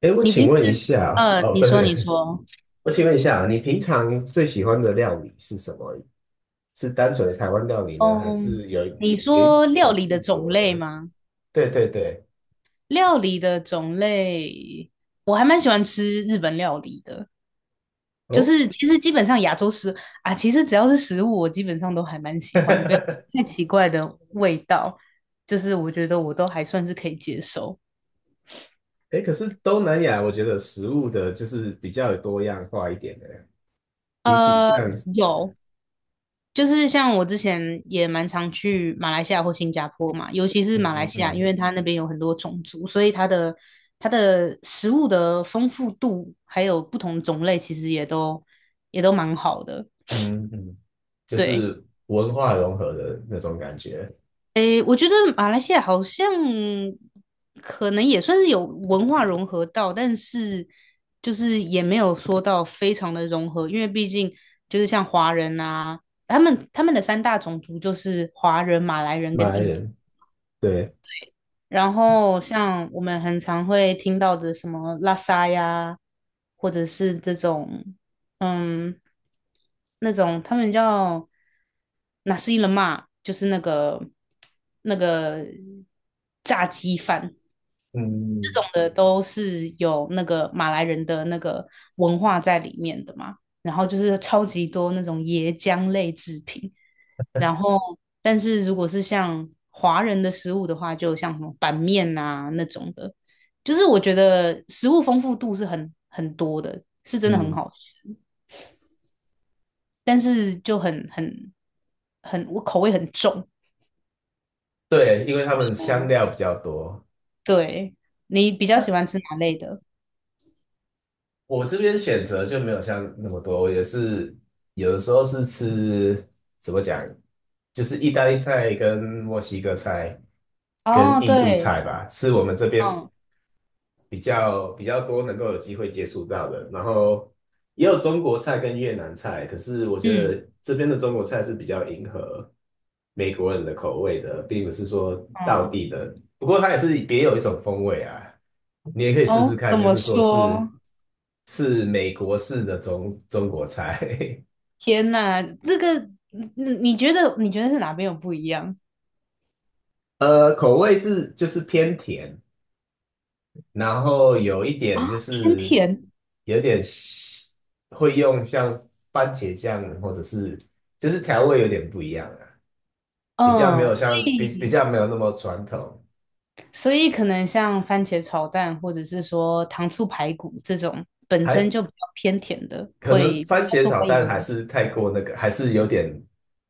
哎，我你请平时，问一下，呃，哦，对对对，我请问一下啊，你平常最喜欢的料理是什么？是单纯的台湾料理呢，还嗯，是有一你有一说料款理的异种国类的？吗？对对对，料理的种类，我还蛮喜欢吃日本料理的，就哦，是其实基本上亚洲食啊，其实只要是食物，我基本上都还蛮喜欢，不要 太奇怪的味道，就是我觉得我都还算是可以接受。哎可是东南亚，我觉得食物的就是比较有多样化一点的，比起呃，像有，就是像我之前也蛮常去马来西亚或新加坡嘛，尤其是马来嗯嗯西亚，因嗯为它那边有很多种族，所以它的食物的丰富度还有不同种类，其实也都蛮好的。嗯嗯，就对，是文化融合的那种感觉。诶，我觉得马来西亚好像可能也算是有文化融合到，但是就是也没有说到非常的融合，因为毕竟就是像华人啊，他们的三大种族就是华人、马来人马跟来印度。人，对，然后像我们很常会听到的什么拉沙呀，或者是这种，嗯，那种他们叫哪是伊勒嘛，就是那个炸鸡饭，这嗯种的都是有那个马来人的那个文化在里面的嘛。然后就是超级多那种椰浆类制品，然后但是如果是像华人的食物的话，就像什么板面啊那种的，就是我觉得食物丰富度是很多的，是真的很嗯，好吃，但是就很很很我口味很重。对，因为他们香嗯，料比较多。对，你比较喜那。欢吃哪类的？我这边选择就没有像那么多，我也是有的时候是吃，怎么讲，就是意大利菜跟墨西哥菜跟哦，印度对，菜吧，吃我们这边嗯比较多能够有机会接触到的，然后也有中国菜跟越南菜，可是我觉嗯得这边的中国菜是比较迎合美国人的口味的，并不是说到嗯。地的，不过它也是别有一种风味啊，你也可以试试哦，看，怎就么是说说？是美国式的中国菜，天呐，你觉得是哪边有不一样？口味是就是偏甜，然后有一点就啊，偏是甜，有点西会用像番茄酱或者是就是调味有点不一样啊，比较没嗯，有所像比比以较没有那么传统，所以可能像番茄炒蛋，或者是说糖醋排骨这种本身就还比较偏甜的，可能会比番茄较受炒欢迎蛋吗？还是太过那个，还是有点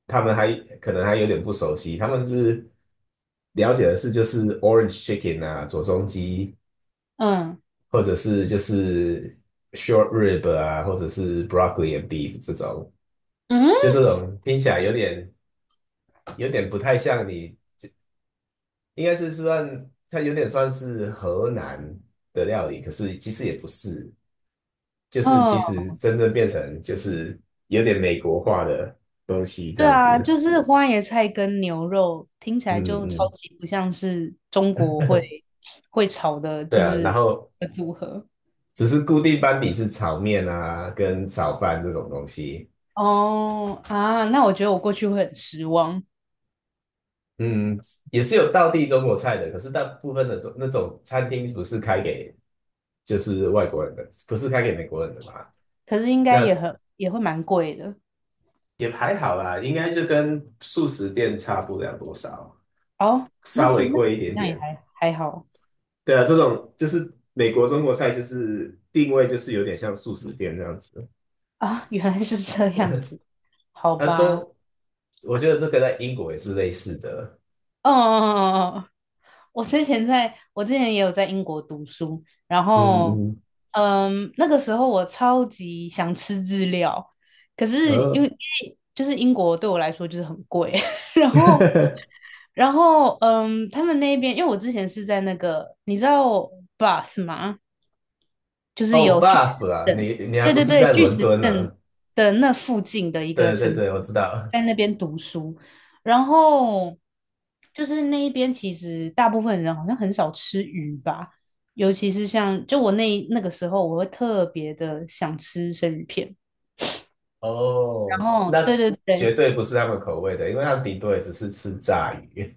他们还可能还有点不熟悉，他们是了解的是就是 orange chicken 啊，左宗基嗯或者是就是 short rib 啊，或者是 broccoli and beef 这种，就嗯，这种听起来有点。有点不太像你，应该是算它有点算是河南的料理，可是其实也不是，就是其嗯，实真正变成就是有点美国化的东西这对样子。啊，就是花椰菜跟牛肉听起来嗯就超嗯，级不像是中国会炒的，对就啊，然是后的组合。只是固定班底是炒面啊跟炒饭这种东西。哦啊，那我觉得我过去会很失望，嗯，也是有道地中国菜的，可是大部分的中那种餐厅不是开给就是外国人的，不是开给美国人的嘛？可是应该那也会蛮贵的。也还好啦，应该就跟素食店差不了多少，哦，那稍这微那好贵一点像也点。还好对啊，这种就是美国中国菜，就是定位就是有点像素食店这样子。啊，原来是这样子，好那吧。中，我觉得这个在英国也是类似的。哦哦哦哦，我之前也有在英国读书，然后嗯嗯，那个时候我超级想吃日料，可然是因为后 因为就是英国对我来说就是很贵，然后 然后，他们那边，因为我之前是在那个，你知道 Bus 吗？就是哦 有 b u 巨 f 石 f 啊，阵，你还对不对是对，在巨伦石敦阵呢？的那附近的一个对对城，对，我知道。在那边读书。然后就是那一边，其实大部分人好像很少吃鱼吧，尤其是像就我那个时候，我会特别的想吃生鱼片。哦，然后，对那对绝对，对不是他们口味的，因为他们顶多也只是吃炸鱼。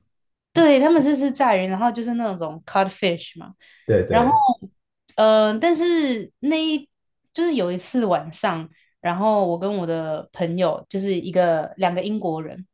对，他们是炸鱼，然后就是那种 codfish 嘛，对然后，对，但是就是有一次晚上，然后我跟我的朋友就是一个两个英国人，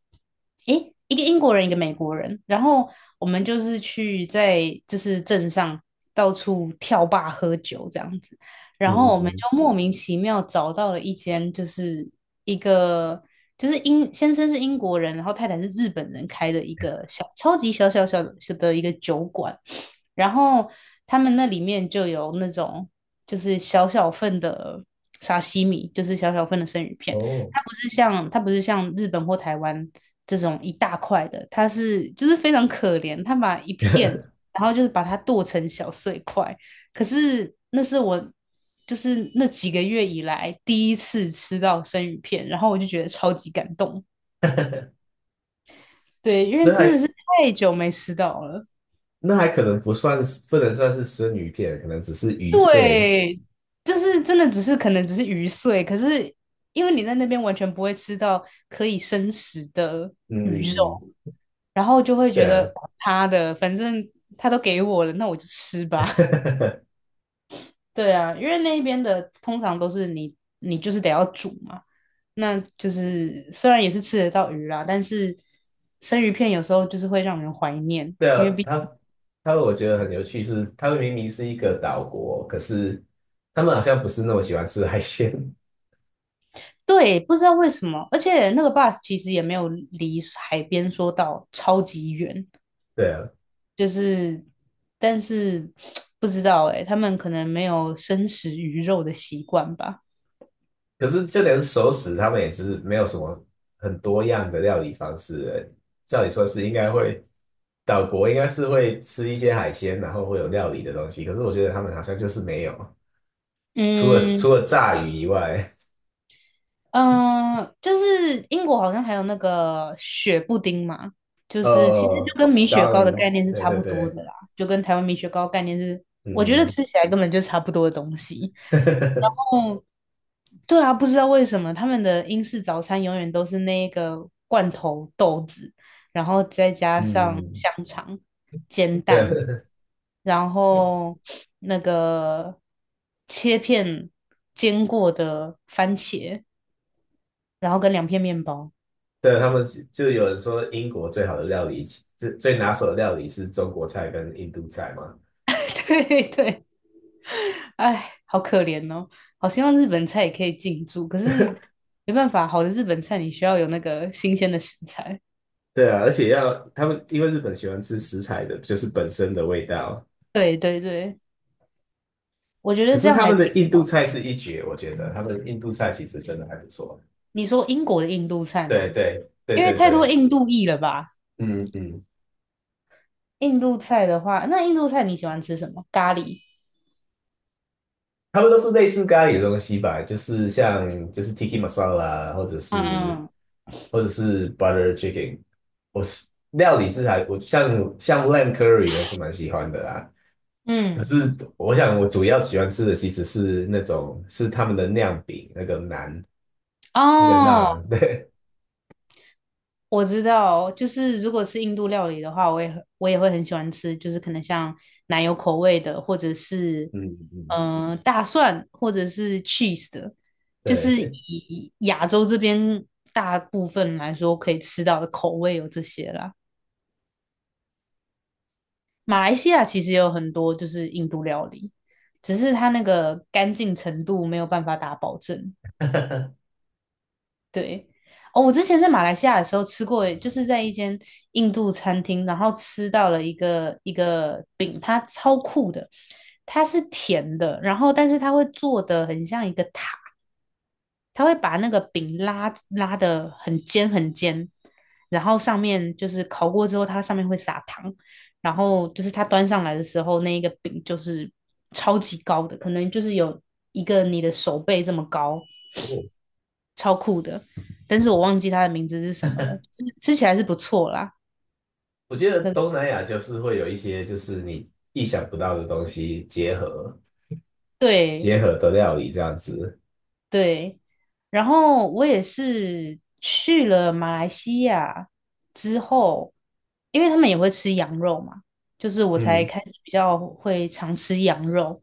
诶，一个英国人，一个美国人，然后我们就是去在就是镇上到处跳坝喝酒这样子。然嗯嗯后我们嗯，就莫名其妙找到了一间，就是一个就是英先生是英国人，然后太太是日本人开的一个小超级小小小的小的一个酒馆，然后他们那里面就有那种就是小小份的沙西米，就是小小份的生鱼片，哦，它不是像日本或台湾这种一大块的，它是就是非常可怜，它把一片。然后就是把它剁成小碎块，可是那是我就是那几个月以来第一次吃到生鱼片，然后我就觉得超级感动。对，因为那还真的是太久没吃到了。那还可能不算是，不能算是生鱼片，可能只是鱼碎。对，就是真的只是可能只是鱼碎，可是因为你在那边完全不会吃到可以生食的鱼嗯嗯，肉，然后就会对觉啊，得管他的，反正他都给我了，那我就吃吧。对啊，因为那一边的通常都是你就是得要煮嘛。那就是虽然也是吃得到鱼啦，但是生鱼片有时候就是会让人怀念，对因啊，为毕他们我觉得很有趣是，他们明明是一个岛国，可是他们好像不是那么喜欢吃海鲜。对不知道为什么，而且那个 bus 其实也没有离海边说到超级远，对啊，就是但是 不知道诶、他们可能没有生食鱼肉的习惯吧。可是就连熟食，他们也是没有什么很多样的料理方式。照理说是应该会，岛国应该是会吃一些海鲜，然后会有料理的东西。可是我觉得他们好像就是没有，除了嗯，除了炸鱼以外。嗯，就是英国好像还有那个雪布丁嘛，就是其实就跟米雪糕的概Starling，念是对差对不多对，的啦，就跟台湾米雪糕概念是，我觉得嗯 吃起来根本就差不多的东西。哦，对啊，不知道为什么他们的英式早餐永远都是那个罐头豆子，然后再加上嗯，香肠、煎蛋，对 然后那个切片煎过的番茄。然后跟两片面包。对，他们有人说英国最好的料理，最拿手的料理是中国菜跟印度菜嘛。对对，哎，好可怜哦！好希望日本菜也可以进驻，可是没办法，好的日本菜你需要有那个新鲜的食材。对啊，而且要他们因为日本喜欢吃食材的，就是本身的味道。对对对，我觉得可这是样他还们挺的印度菜是一绝，我觉得他们印度菜其实真的还不错。你说英国的印度菜对吗？对对因为对太多对，印度裔了吧？嗯嗯，印度菜的话，那印度菜你喜欢吃什么？咖喱。他们都是类似咖喱的东西吧，就是像就是 tiki masala 啊或者嗯是嗯或者是 butter chicken，我是料理是还我像像 lamb curry 我是蛮喜欢的啦。可嗯，是我想我主要喜欢吃的其实是那种是他们的酿饼，那个馕，那个哦，馕，对我知道，就是如果是印度料理的话，我也会很喜欢吃，就是可能像奶油口味的，或者是嗯嗯，大蒜，或者是 cheese 的，就是对。以亚洲这边大部分来说可以吃到的口味有这些啦。马来西亚其实也有很多就是印度料理，只是它那个干净程度没有办法打保证。对，哦，我之前在马来西亚的时候吃过，就是在一间印度餐厅，然后吃到了一个饼，它超酷的，它是甜的，然后但是它会做的很像一个塔，它会把那个饼拉拉的很尖很尖，然后上面就是烤过之后，它上面会撒糖，然后就是它端上来的时候，那一个饼就是超级高的，可能就是有一个你的手背这么高，哦超酷的，但是我忘记它的名字是什么了。吃起来是不错啦，我觉得那个东南亚就是会有一些就是你意想不到的东西结合对结合的料理这样子，对。然后我也是去了马来西亚之后，因为他们也会吃羊肉嘛，就是我才嗯，开始比较会常吃羊肉。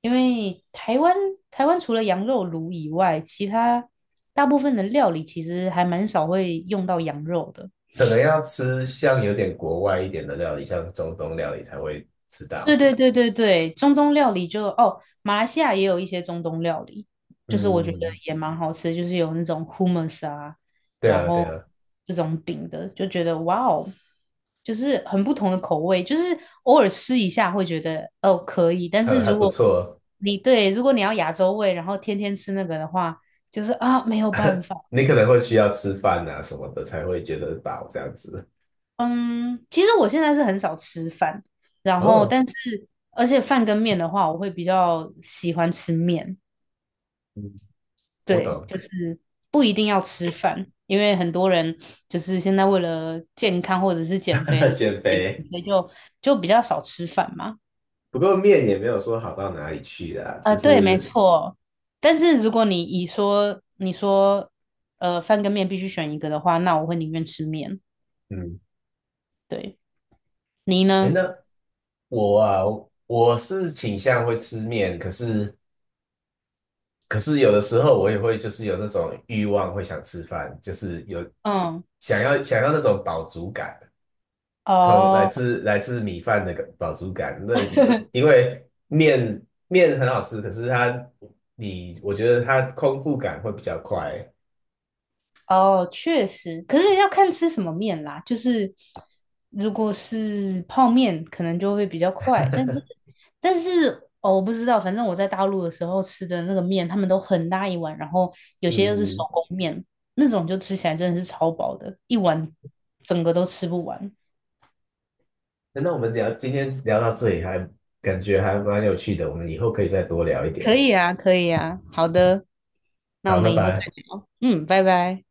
因为台湾除了羊肉炉以外，其他大部分的料理其实还蛮少会用到羊肉的。可能要吃像有点国外一点的料理，像中东料理才会吃对到。对对对对，中东料理就哦，马来西亚也有一些中东料理，就是我觉得嗯，也蛮好吃，就是有那种 humus 啊，对然啊，对后啊。这种饼的，就觉得哇哦，就是很不同的口味，就是偶尔吃一下会觉得哦可以，但还是还不错哦。如果你要亚洲味，然后天天吃那个的话，就是啊没有办法。你可能会需要吃饭啊什么的才会觉得饱这样子。嗯，其实我现在是很少吃饭，然后哦，但是而且饭跟面的话，我会比较喜欢吃面。嗯我对，懂。就是不一定要吃饭，因为很多人就是现在为了健康或者是减肥 的减原因，肥，所以就比较少吃饭嘛。不过面也没有说好到哪里去啦，啊，只对，没是错。但是如果你说饭跟面必须选一个的话，那我会宁愿吃面。嗯，对，你哎，呢？那我啊，我是倾向会吃面，可是有的时候我也会就是有那种欲望会想吃饭，就是有嗯，想要那种饱足感。从来哦，自来自米饭的饱足感，那你 因为面很好吃，可是它你我觉得它空腹感会比较快。哦，确实，可是要看吃什么面啦。就是如果是泡面，可能就会比较快，但是但是哦，我不知道，反正我在大陆的时候吃的那个面，他们都很大一碗，然后有些又是手嗯，工面，那种就吃起来真的是超饱的，一碗整个都吃不完。那我们聊今天聊到这里还感觉还蛮有趣的，我们以后可以再多聊一可点。以啊，可以啊，好的，那我好，拜们以后再拜。聊。嗯，拜拜。